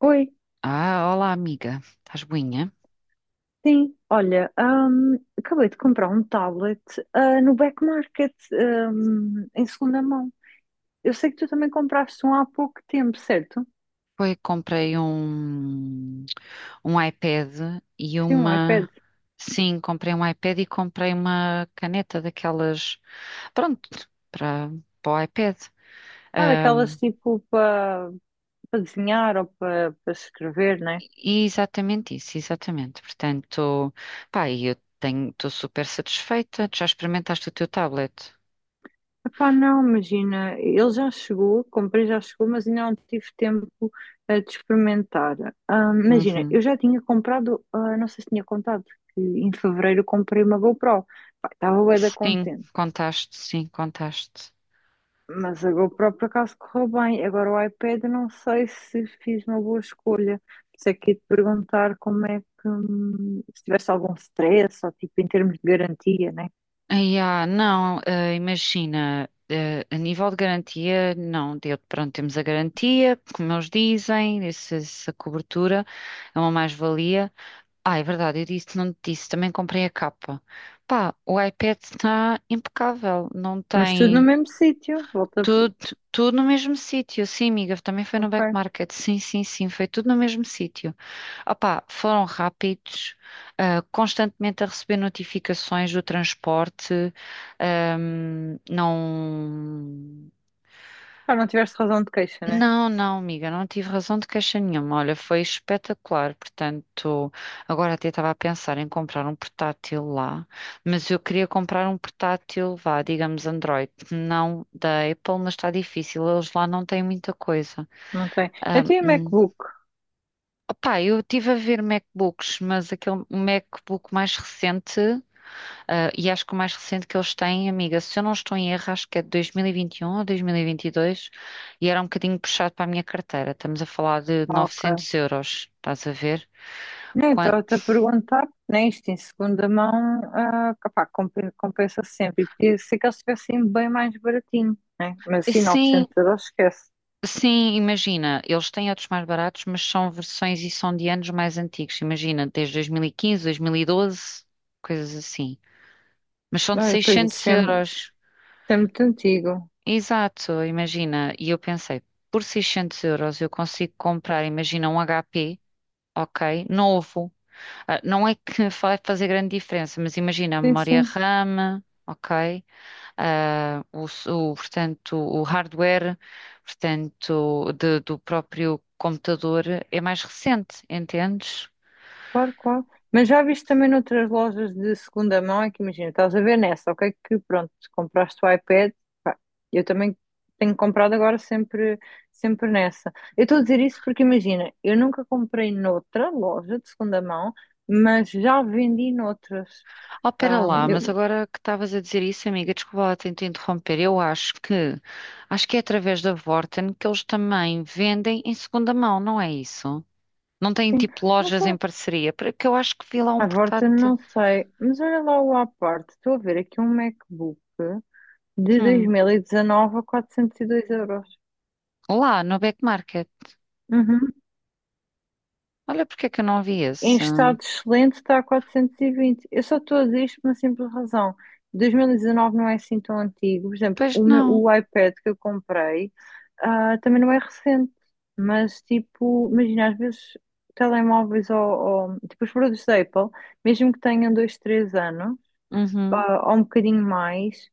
Oi, Ah, olá amiga, estás boinha? sim. Olha, acabei de comprar um tablet, no Back Market, em segunda mão. Eu sei que tu também compraste um há pouco tempo, certo? Foi, comprei um iPad e Sim, um iPad. uma. Sim, comprei um iPad e comprei uma caneta daquelas. Pronto, para, para o iPad. Ah, daquelas Ahm, tipo para desenhar ou para escrever, né? e exatamente isso, exatamente. Portanto, pá, e estou super satisfeita. Tu já experimentaste o teu tablet? Epá, não, imagina, ele já chegou, comprei já chegou, mas ainda não tive tempo de experimentar. Ah, imagina, Uhum. eu já tinha comprado, não sei se tinha contado, que em fevereiro comprei uma GoPro. Pá, estava bué da Sim, contente. contaste, sim, contaste. Mas a GoPro por acaso correu bem. Agora o iPad, eu não sei se fiz uma boa escolha. Por isso é que ia te perguntar como é que, se tivesse algum stress, ou tipo em termos de garantia, né? Ai, não, imagina, a nível de garantia, não, deu, pronto, temos a garantia, como eles dizem, essa cobertura é uma mais-valia. Ah, é verdade, eu disse, não te disse, também comprei a capa. Pá, o iPad está impecável, não Mas tudo no tem mesmo sítio. Volta. tudo, tudo no mesmo sítio. Sim, amiga, também foi no Ok. Back Market, sim, sim, sim, foi tudo no mesmo sítio. Opá, foram rápidos, constantemente a receber notificações do transporte. Não, Ah, não tiveste razão de queixa, né? não, não, amiga, não tive razão de queixa nenhuma. Olha, foi espetacular. Portanto, agora até estava a pensar em comprar um portátil lá, mas eu queria comprar um portátil, vá, digamos Android, não da Apple, mas está difícil. Eles lá não têm muita coisa. Não tem. Eu tenho MacBook. Opá, eu estive a ver MacBooks, mas aquele MacBook mais recente, e acho que o mais recente que eles têm, amiga, se eu não estou em erro, acho que é de 2021 ou 2022, e 22, e era um bocadinho puxado para a minha carteira. Estamos a falar de Ah, ok. 900 euros, estás a ver? Não, Quan- estava-te a perguntar, né? Isto em segunda mão, ah, pá, compensa sempre. E podia ser que eles estivessem bem mais baratinho, né? Mas assim, Sim, 900 euros, esquece. sim, imagina, eles têm outros mais baratos, mas são versões e são de anos mais antigos, imagina, desde 2015, 2012, coisas assim. Mas são de Ah, e depois 600 isso euros. é muito antigo. Exato, imagina. E eu pensei, por 600 euros eu consigo comprar, imagina, um HP, ok, novo. Ah, não é que vai fazer grande diferença, mas imagina a Sim, memória sim, RAM, ok, portanto, o hardware, portanto, do próprio computador é mais recente, entendes? claro, claro. Mas já viste também noutras lojas de segunda mão, é que imagina, estás a ver nessa, ok? Que pronto, compraste o iPad, pá, eu também tenho comprado agora sempre, sempre nessa. Eu estou a dizer isso porque imagina, eu nunca comprei noutra loja de segunda mão, mas já vendi noutras. Oh, pera Ah, lá, mas eu, agora que estavas a dizer isso, amiga, desculpa lá tentar interromper. Eu acho que é através da Vorten que eles também vendem em segunda mão, não é isso? Não têm sim, tipo mas lojas em olha, parceria, porque eu acho que vi lá um à volta portátil. não sei, mas olha lá o à parte, estou a ver aqui um MacBook de dois Hum, mil e dezanove a 402 euros. lá no Back Market. Uhum. Olha porque é que eu não vi Em esse. estado excelente está a 420. Eu só estou a dizer isto por uma simples razão. 2019 não é assim tão antigo. Por exemplo, Pois não. o iPad que eu comprei, também não é recente. Mas, tipo, imagina, às vezes telemóveis tipo os produtos da Apple, mesmo que tenham dois três anos, Uhum, ou um bocadinho mais,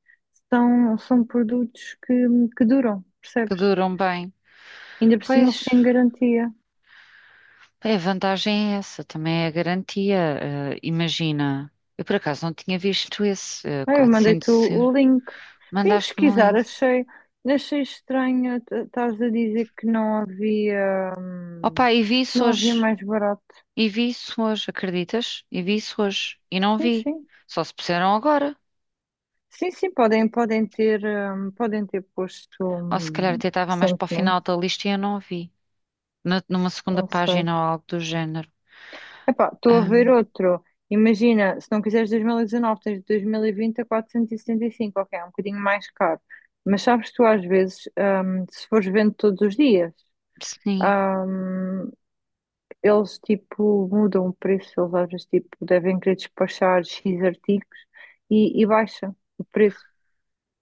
são produtos que duram, que percebes? duram bem. Ainda por cima eles Pois, têm garantia. a vantagem é essa, também é a garantia. Imagina, eu por acaso não tinha visto esse Eu mandei-te 400 euros. o link. Vim Mandaste-me um pesquisar, link. achei, achei estranho estares a dizer Opa, e vi que isso não havia hoje. mais barato. E vi isso hoje, acreditas? E vi isso hoje. E não Sim, vi. sim. Só se puseram agora. Sim, sim, podem ter posto, Ou se calhar até estava mais para o recentemente, final da lista e eu não vi. Numa segunda não sei. página ou algo do género. Epá, estou a ver Ahm, outro. Imagina, se não quiseres 2019 tens 2020 a 475 ok, é um bocadinho mais caro. Mas sabes tu às vezes, se fores vendo todos os dias. sim, hum, Eles tipo mudam o preço, eles às vezes tipo devem querer despachar X artigos e baixa o preço.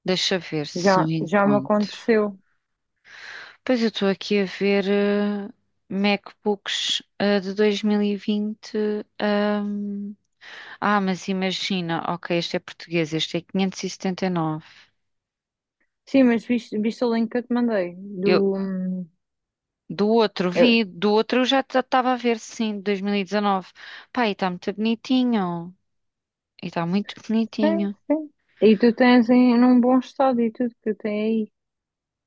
deixa ver se eu Já me encontro. aconteceu. Pois eu estou aqui a ver MacBooks de 2020. ahm. Ah, mas imagina, ok, este é português, este é 579. Sim, mas viste o link que eu te mandei Eu, do. Do outro eu- vi, do outro eu já estava a ver, sim, de 2019. Pá, e está muito bonitinho. E está muito sim, bonitinho. sim. E tu tens em num bom estado e tudo que tem aí.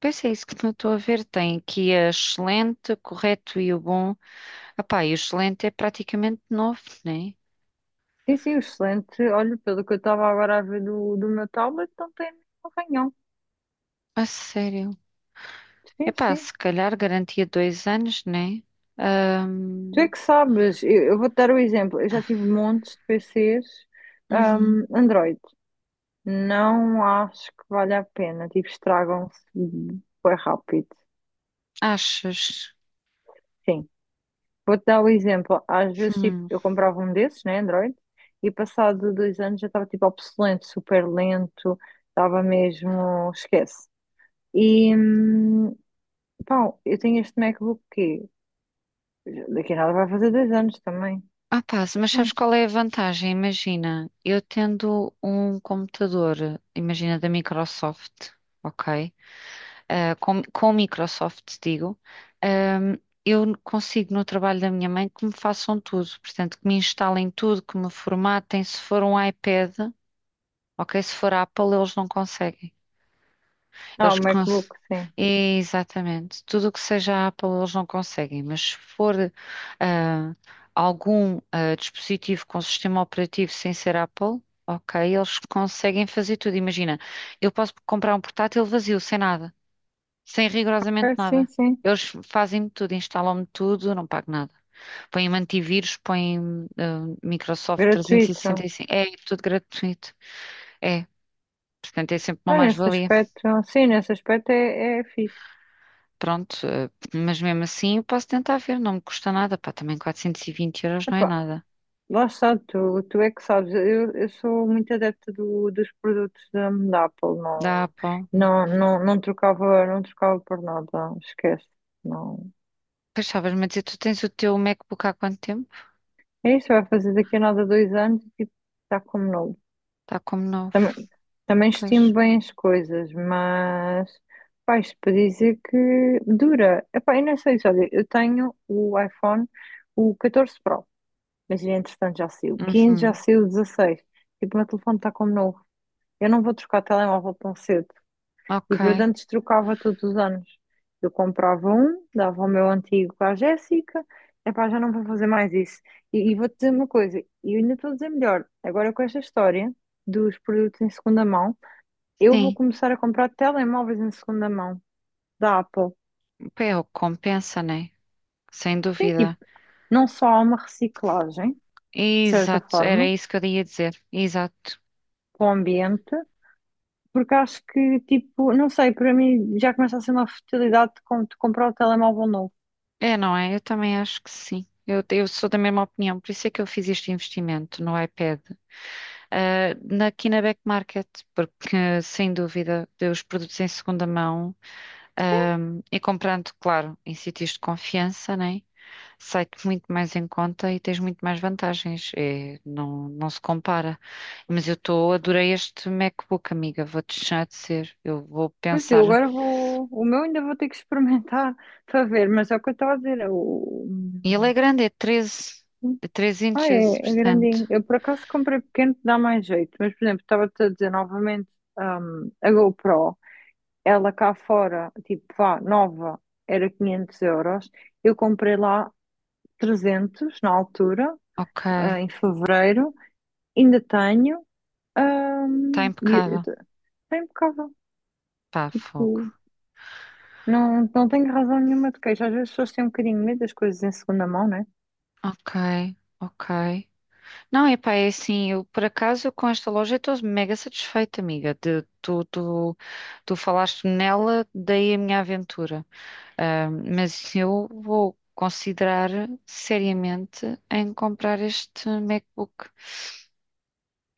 Pois é isso que eu estou a ver. Tem aqui a excelente, o correto e o bom. Epá, e o excelente é praticamente novo, né? Sim, sim, excelente. Olha, pelo que eu estava agora a ver do meu tablet, não tem nenhum arranhão. A sério. Sim, Epá, sim. se calhar garantia 2 anos, né? Tu é Ahm, que sabes. Eu vou-te dar o exemplo. Eu já tive montes de PCs, uhum. Android. Não acho que vale a pena. Tipo, estragam-se bem rápido. Achas? Sim. Vou-te dar o exemplo. Às vezes, tipo, Hum. eu comprava um desses, né, Android, e passado dois anos já estava, tipo, obsoleto, super lento. Estava mesmo… esquece. E, hum, Pá, eu tenho este MacBook que daqui a nada vai fazer dois anos também. Ah, pá, mas Hum. sabes qual é a vantagem? Imagina, eu tendo um computador, imagina da Microsoft, ok? Ah, com Microsoft, digo, ahm, eu consigo no trabalho da minha mãe que me façam tudo, portanto, que me instalem tudo, que me formatem. Se for um iPad, ok? Se for Apple, eles não conseguem. Ah, o Eles cons... MacBook, sim. Exatamente. Tudo o que seja Apple eles não conseguem, mas se for ah, algum dispositivo com sistema operativo sem ser Apple, ok, eles conseguem fazer tudo. Imagina, eu posso comprar um portátil vazio, sem nada, sem rigorosamente É, sim, nada. sim. Eles fazem-me tudo, instalam-me tudo, não pago nada. Põem-me antivírus, põem-me Microsoft Gratuito. 365. É tudo gratuito. É, portanto, é sempre uma Ah, nesse mais-valia. aspecto, sim, nesse aspecto é, é fixe. Pronto, mas mesmo assim eu posso tentar ver, não me custa nada, pá, também 420 euros não é Epá, nada. lá está, tu é que sabes. Eu sou muito adepta dos produtos da Apple, Dá, não, pá. não, não, não trocava, não trocava por nada, esquece. Não. Pois estavas-me a dizer, tu tens o teu MacBook há quanto tempo? É isso, vai fazer daqui a nada dois anos e tipo, está como novo. Está como novo. Também, também Pois. estimo bem as coisas, mas pá, isto para dizer que dura. Epá, eu não sei isso, olha, eu tenho o iPhone, o 14 Pro, mas entretanto já saiu o 15, já Uhum. saiu o 16. Tipo, o meu telefone está como novo. Eu não vou trocar telemóvel tão cedo. E eu de Ok. antes trocava todos os anos. Eu comprava um, dava o meu antigo para a Jéssica. Epá, já não vou fazer mais isso. E vou-te dizer uma coisa, e eu ainda estou a dizer melhor. Agora com esta história dos produtos em segunda mão, eu vou Sim, começar a comprar telemóveis em segunda mão da Apple. pá, é o que compensa, né? Sem Sim, dúvida. tipo, não só há uma reciclagem, de certa Exato, era forma, isso que eu ia dizer. Exato. para o ambiente, porque acho que, tipo, não sei, para mim já começa a ser uma futilidade de comprar o telemóvel novo. É, não é? Eu também acho que sim. Eu sou da mesma opinião, por isso é que eu fiz este investimento no iPad. Aqui na Back Market, porque sem dúvida, os produtos em segunda mão, ah, e comprando, claro, em sítios de confiança, né? Sai-te muito mais em conta e tens muito mais vantagens. É, não, não se compara. Mas eu estou, adorei este MacBook, amiga, vou-te deixar de ser. Eu vou Pois eu pensar. agora vou. O meu ainda vou ter que experimentar para ver, mas é o que eu estava a dizer. É o… E ele é grande, é treze é 13 Ah, é, inches, é portanto. grandinho. Eu por acaso comprei pequeno que dá mais jeito, mas por exemplo, estava-te a dizer novamente, a GoPro, ela cá fora, tipo, vá, nova, era 500 euros. Eu comprei lá 300 na altura, Ok, em fevereiro, ainda tenho, está hum, e e- impecável. é impecável. Pá, fogo. Tipo, não, não tenho razão nenhuma de queixa. Às vezes as pessoas têm um bocadinho de medo das coisas em segunda mão, não é? Ok, ok. Não, epá, é assim, eu por acaso com esta loja estou mega satisfeita, amiga. Tu falaste nela, daí a minha aventura. Ah, mas eu vou considerar seriamente em comprar este MacBook.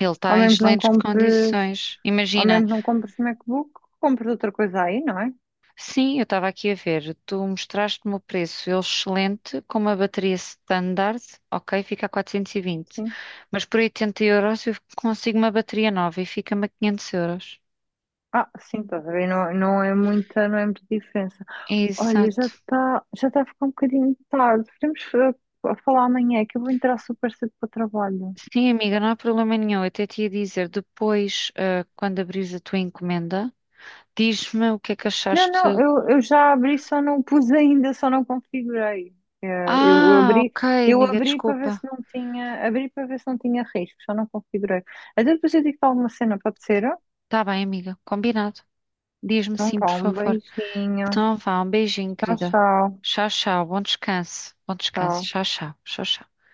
Ele Ao está em mesmo que não excelentes compres, condições. ao Imagina, mesmo que não compres MacBook, compres outra coisa aí, não é? sim, eu estava aqui a ver, tu mostraste-me o preço, ele excelente, com uma bateria standard, ok, fica a 420. Sim. Mas por 80 euros eu consigo uma bateria nova e fica-me a 500 euros. Ah, sim, estás a ver? Não, não é muita, não é muita diferença. Olha, Exato. Já está a ficar um bocadinho tarde. Podemos falar amanhã, que eu vou entrar super cedo para o trabalho. Sim, amiga, não há problema nenhum. Eu até te ia dizer, depois, quando abrires a tua encomenda, diz-me o que é que Não, não, achaste. eu, eu já abri, só não pus ainda, só não configurei. Eh, eu Ah, abri, ok, eu amiga, abri para ver se desculpa. não tinha, abri para ver se não tinha risco, só não configurei. Até depois eu digo alguma cena, pode ser? Tá bem, amiga, combinado. Diz-me Então, sim, vá, por um favor. beijinho. Então vá, um beijinho, Tchau, querida. tchau. Tchau, tchau, bom descanso. Bom descanso, Tchau. tchau, tchau, tchau, tchau.